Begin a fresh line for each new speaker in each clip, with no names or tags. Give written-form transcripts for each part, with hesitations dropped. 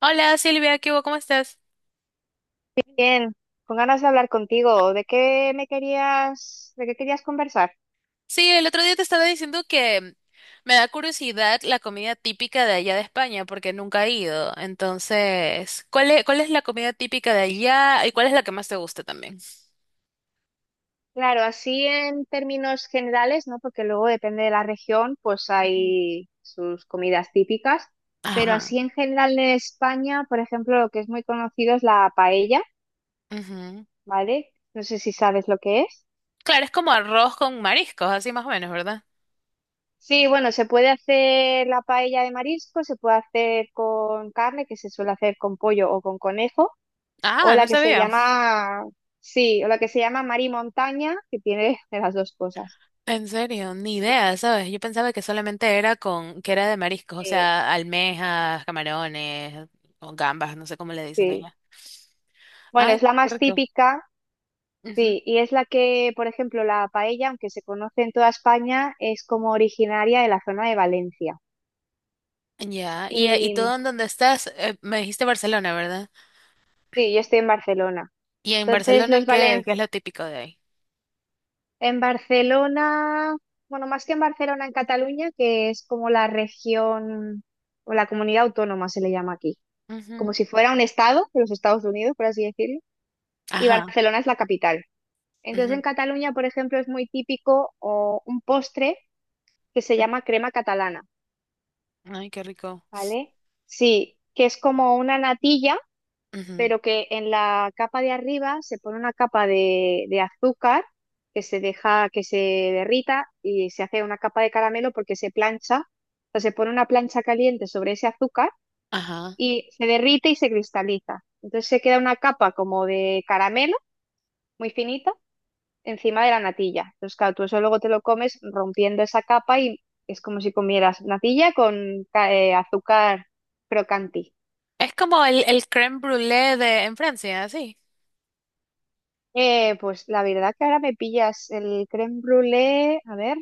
Hola Silvia, ¿qué hubo? ¿Cómo estás?
Bien, con ganas de hablar contigo. ¿De qué me querías, de qué querías conversar?
Sí, el otro día te estaba diciendo que me da curiosidad la comida típica de allá de España porque nunca he ido. Entonces, cuál es la comida típica de allá y cuál es la que más te gusta también?
Claro, así en términos generales, ¿no? Porque luego depende de la región, pues
Ujú.
hay sus comidas típicas, pero
Ajá.
así en general en España, por ejemplo, lo que es muy conocido es la paella,
Ujú.
¿vale? No sé si sabes lo que es.
Claro, es como arroz con mariscos, así más o menos, ¿verdad?
Sí, bueno, se puede hacer la paella de marisco, se puede hacer con carne, que se suele hacer con pollo o con conejo. O
Ah,
la
no
que se
sabía.
llama, Sí, o la que se llama Mar y Montaña, que tiene de las dos cosas.
En serio, ni idea, ¿sabes? Yo pensaba que solamente era que era de mariscos, o
Sí,
sea, almejas, camarones, o gambas, no sé cómo le dicen
sí.
allá.
Bueno,
Ay,
es la
qué
más
rico.
típica, sí, y es la que, por ejemplo, la paella, aunque se conoce en toda España, es como originaria de la zona de Valencia.
Ya, y tú,
Y
en donde estás, me dijiste Barcelona, ¿verdad?
sí, yo estoy en Barcelona.
Y en
Entonces,
Barcelona,
los valen
qué es lo típico de ahí?
En Barcelona, bueno, más que en Barcelona, en Cataluña, que es como la región o la comunidad autónoma se le llama aquí, como
Ujú.
si fuera un estado de los Estados Unidos, por así decirlo. Y
Ajá.
Barcelona es la capital. Entonces
Ujú.
en Cataluña, por ejemplo, es muy típico un postre que se llama crema catalana,
Ay, qué rico.
¿vale? Sí, que es como una natilla,
Ujú.
pero que en la capa de arriba se pone una capa de azúcar que se deja que se derrita y se hace una capa de caramelo porque se plancha, o sea, se pone una plancha caliente sobre ese azúcar
Ajá.
y se derrite y se cristaliza. Entonces se queda una capa como de caramelo muy finita encima de la natilla. Entonces, claro, tú eso luego te lo comes rompiendo esa capa y es como si comieras natilla con azúcar crocanti.
Es como el crème brûlée de en Francia, sí.
Pues la verdad que ahora me pillas el crème brûlée, a ver,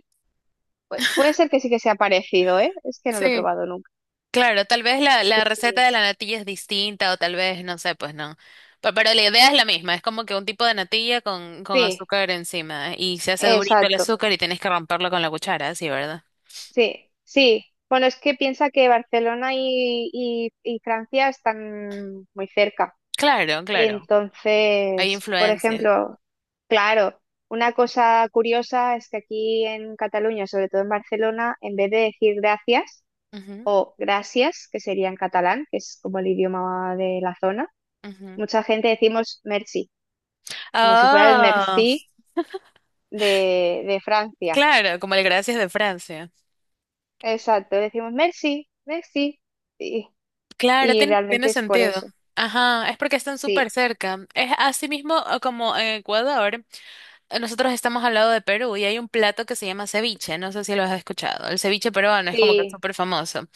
puede ser que sí que sea parecido, ¿eh? Es que no lo he
Sí.
probado nunca.
Claro, tal vez la receta
Sí,
de la natilla es distinta o tal vez, no sé, pues no. Pero la idea es la misma, es como que un tipo de natilla con
sí,
azúcar encima y se hace durito el
exacto.
azúcar y tienes que romperlo con la cuchara, sí, ¿verdad?
Sí, sí. Bueno, es que piensa que Barcelona y Francia están muy cerca.
Claro, claro. Hay
Entonces, por
influencia.
ejemplo, claro, una cosa curiosa es que aquí en Cataluña, sobre todo en Barcelona, en vez de decir gracias o gracias, que sería en catalán, que es como el idioma de la zona,
Ujú.
mucha gente decimos merci, como si fuera el
Ah,
merci de Francia.
claro, como el gracias de Francia.
Exacto, decimos merci, merci, y,
Claro,
y
tiene
realmente es por
sentido.
eso.
Ajá, es porque están súper
Sí,
cerca. Es así mismo, como en Ecuador. Nosotros estamos al lado de Perú y hay un plato que se llama ceviche. No sé si lo has escuchado. El ceviche peruano es como que
sí,
súper famoso.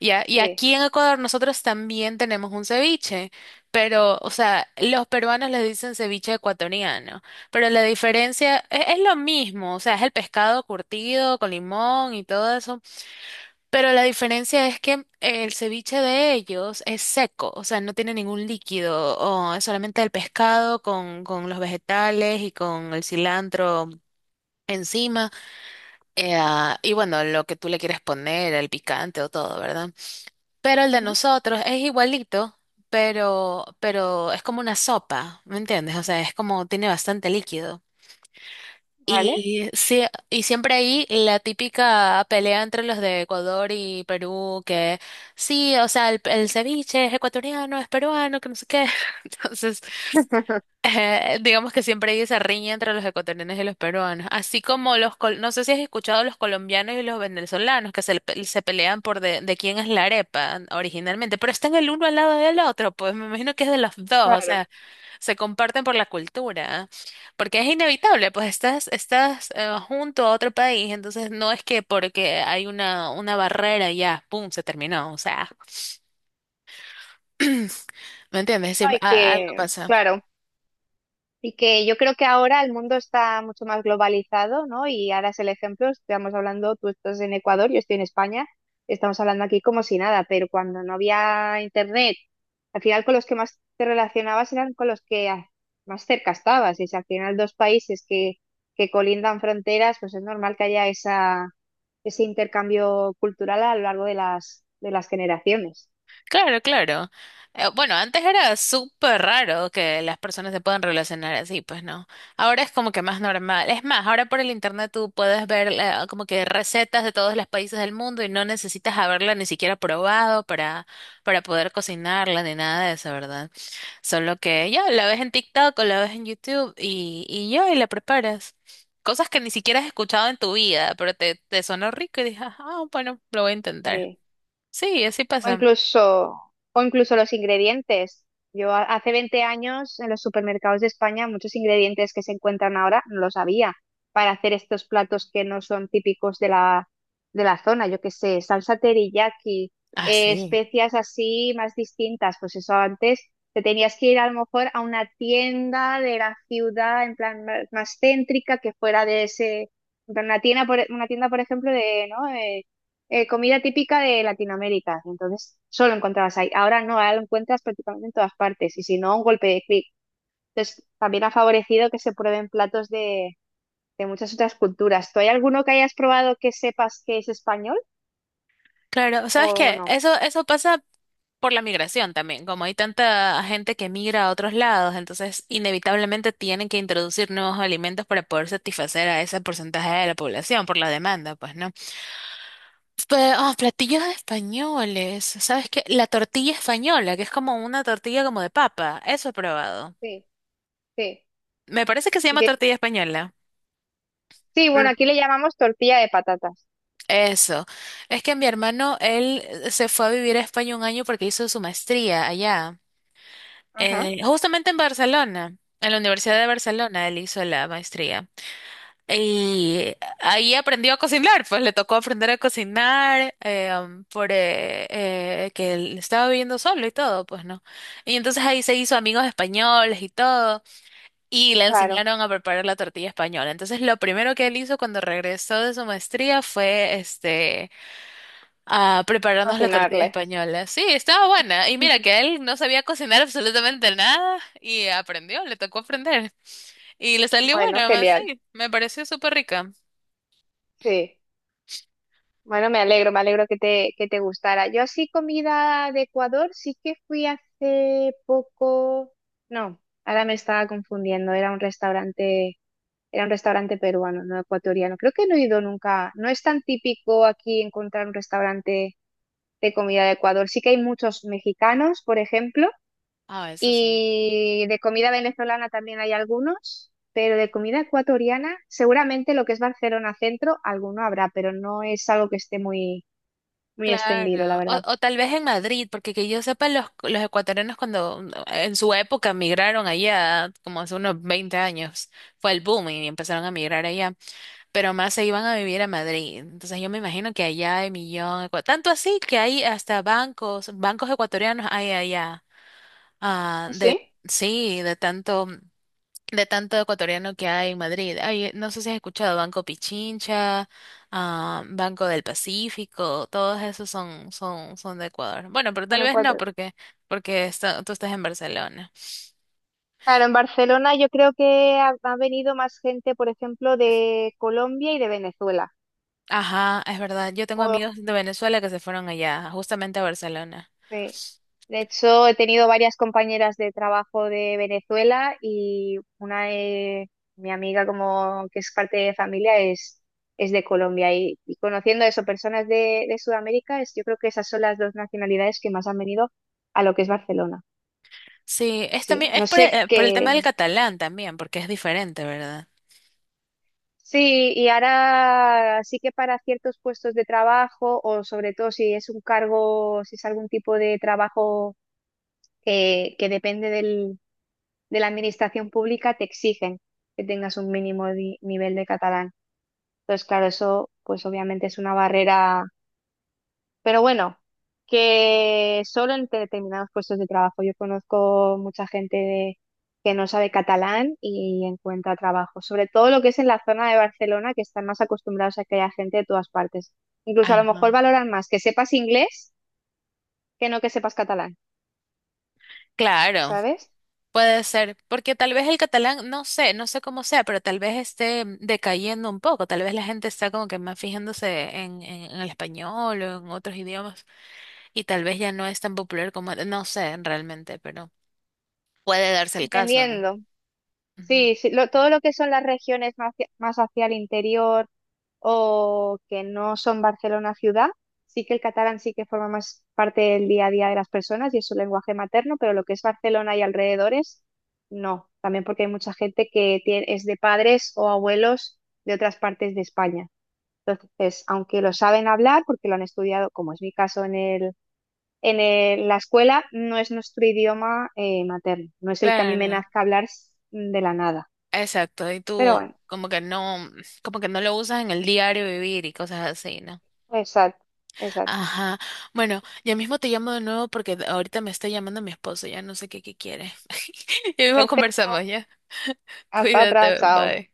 Ya, y
sí.
aquí en Ecuador nosotros también tenemos un ceviche. Pero, o sea, los peruanos le dicen ceviche ecuatoriano. Pero la diferencia es lo mismo. O sea, es el pescado curtido con limón y todo eso. Pero la diferencia es que el ceviche de ellos es seco, o sea, no tiene ningún líquido, o es solamente el pescado con los vegetales y con el cilantro encima. Y bueno, lo que tú le quieres poner, el picante o todo, ¿verdad? Pero el de
Ujú.
nosotros es igualito, pero es como una sopa, ¿me entiendes? O sea, es como tiene bastante líquido.
¿Vale?
Y, sí, siempre ahí la típica pelea entre los de Ecuador y Perú, que sí, o sea, el ceviche es ecuatoriano, es peruano, que no sé qué. Entonces, digamos que siempre hay esa riña entre los ecuatorianos y los peruanos. Así como no sé si has escuchado los colombianos y los venezolanos, que se pelean por de quién es la arepa originalmente, pero están el uno al lado del otro, pues me imagino que es de los dos, o
Claro.
sea, se comparten por la cultura, porque es inevitable, pues estás, junto a otro país, entonces no es que porque hay una barrera y ya, pum, se terminó, o sea, ¿me entiendes? Sí,
Hay
algo
que,
pasa.
claro. Y que yo creo que ahora el mundo está mucho más globalizado, ¿no? Y ahora es el ejemplo, estamos hablando, tú estás en Ecuador, yo estoy en España, estamos hablando aquí como si nada, pero cuando no había internet, al final con los que más te relacionabas eran con los que más cerca estabas. Y si al final dos países que colindan fronteras, pues es normal que haya esa, ese intercambio cultural a lo largo de de las generaciones.
Claro, claro. Bueno, antes era súper raro que las personas se puedan relacionar así, pues no. Ahora es como que más normal. Es más, ahora por el internet tú puedes ver, como que recetas de todos los países del mundo y no necesitas haberla ni siquiera probado para, poder cocinarla ni nada de eso, ¿verdad? Solo que ya la ves en TikTok o la ves en YouTube y, ya, y la preparas. Cosas que ni siquiera has escuchado en tu vida, pero te sonó rico y dices, ah, bueno, lo voy a intentar.
Eh,
Sí, así
O
pasa.
incluso, o incluso los ingredientes. Hace 20 años en los supermercados de España muchos ingredientes que se encuentran ahora no los había para hacer estos platos que no son típicos de de la zona. Yo qué sé, salsa teriyaki,
Así.
especias así más distintas. Pues eso antes te tenías que ir a lo mejor a una tienda de la ciudad en plan más céntrica que fuera de ese, en plan, una tienda, por, una tienda, por ejemplo, de, ¿no? Comida típica de Latinoamérica, entonces solo encontrabas ahí. Ahora no, ahora lo encuentras prácticamente en todas partes y si no, un golpe de clic. Entonces también ha favorecido que se prueben platos de muchas otras culturas. ¿Tú hay alguno que hayas probado que sepas que es español
Claro, ¿sabes
o
qué?
no?
Eso pasa por la migración también, como hay tanta gente que migra a otros lados, entonces inevitablemente tienen que introducir nuevos alimentos para poder satisfacer a ese porcentaje de la población por la demanda, pues, ¿no? Platillos españoles, ¿sabes qué? La tortilla española, que es como una tortilla como de papa, eso he probado.
Sí, sí.
Me parece que se
Y
llama
que,
tortilla española.
sí, bueno, aquí le llamamos tortilla de patatas.
Eso. Es que mi hermano, él se fue a vivir a España un año porque hizo su maestría allá.
Ajá.
Justamente en Barcelona, en la Universidad de Barcelona, él hizo la maestría. Y ahí aprendió a cocinar, pues le tocó aprender a cocinar, um, por que él estaba viviendo solo y todo, pues no. Y entonces ahí se hizo amigos españoles y todo, y le
Claro,
enseñaron a preparar la tortilla española. Entonces lo primero que él hizo cuando regresó de su maestría fue a prepararnos la tortilla
cocinarle.
española. Sí, estaba buena. Y mira que él no sabía cocinar absolutamente nada y aprendió, le tocó aprender. Y le salió
Bueno,
bueno,
genial,
sí, me pareció súper rica.
sí. Bueno, me alegro que te gustara. Yo así comida de Ecuador sí que fui hace poco. No, ahora me estaba confundiendo. Era un restaurante peruano, no ecuatoriano. Creo que no he ido nunca. No es tan típico aquí encontrar un restaurante de comida de Ecuador. Sí que hay muchos mexicanos, por ejemplo,
Ah, eso sí.
y de comida venezolana también hay algunos. Pero de comida ecuatoriana, seguramente lo que es Barcelona Centro, alguno habrá, pero no es algo que esté muy, muy extendido, la
Claro.
verdad.
O tal vez en Madrid, porque, que yo sepa, los ecuatorianos cuando, en su época migraron allá, como hace unos 20 años, fue el boom y empezaron a migrar allá. Pero más se iban a vivir a Madrid. Entonces yo me imagino que allá hay millón, tanto así que hay hasta bancos, bancos ecuatorianos hay allá, ah, de,
¿Sí?
sí, de tanto ecuatoriano que hay en Madrid. Hay, no sé si has escuchado Banco Pichincha, ah, Banco del Pacífico, todos esos son, son de Ecuador. Bueno, pero
En
tal
el
vez no,
cuatro.
porque tú estás en Barcelona.
Claro, en Barcelona yo creo que ha, ha venido más gente, por ejemplo, de Colombia y de Venezuela.
Ajá, es verdad. Yo tengo
Oh,
amigos de Venezuela que se fueron allá, justamente a Barcelona.
sí. De hecho, he tenido varias compañeras de trabajo de Venezuela y una de mi amiga como que es parte de familia es de Colombia y conociendo eso, personas de Sudamérica, es, yo creo que esas son las dos nacionalidades que más han venido a lo que es Barcelona.
Sí, es
Sí,
también, es
no
por
sé
por el
qué,
tema del catalán también, porque es diferente, ¿verdad?
sí, y ahora sí que para ciertos puestos de trabajo, o sobre todo si es un cargo, si es algún tipo de trabajo que depende de la administración pública, te exigen que tengas un mínimo nivel de catalán. Entonces, claro, eso pues obviamente es una barrera, pero bueno, que solo en determinados puestos de trabajo. Yo conozco mucha gente que no sabe catalán y encuentra trabajo. Sobre todo lo que es en la zona de Barcelona, que están más acostumbrados a que haya gente de todas partes. Incluso a lo mejor
Ajá.
valoran más que sepas inglés que no que sepas catalán,
Claro,
¿sabes?
puede ser, porque tal vez el catalán, no sé, no sé cómo sea, pero tal vez esté decayendo un poco, tal vez la gente está como que más fijándose en, en el español o en otros idiomas y tal vez ya no es tan popular como, no sé realmente, pero puede darse el caso, ¿no?
Dependiendo.
Ujú.
Sí, sí, todo lo que son las regiones más hacia el interior o que no son Barcelona ciudad, sí que el catalán sí que forma más parte del día a día de las personas y es su lenguaje materno, pero lo que es Barcelona y alrededores, no. También porque hay mucha gente que es de padres o abuelos de otras partes de España. Entonces, aunque lo saben hablar, porque lo han estudiado, como es mi caso en la escuela, no es nuestro idioma materno, no es el que a mí me
Claro,
nazca hablar de la nada.
exacto, y
Pero
tú
bueno,
como que no, lo usas en el diario vivir y cosas así, ¿no?
exacto, exacto.
Ajá. Bueno, ya mismo te llamo de nuevo porque ahorita me está llamando mi esposo, ya no sé qué, quiere. Ya mismo
Perfecto.
conversamos, ya.
Hasta otra,
Cuídate,
chao.
bye.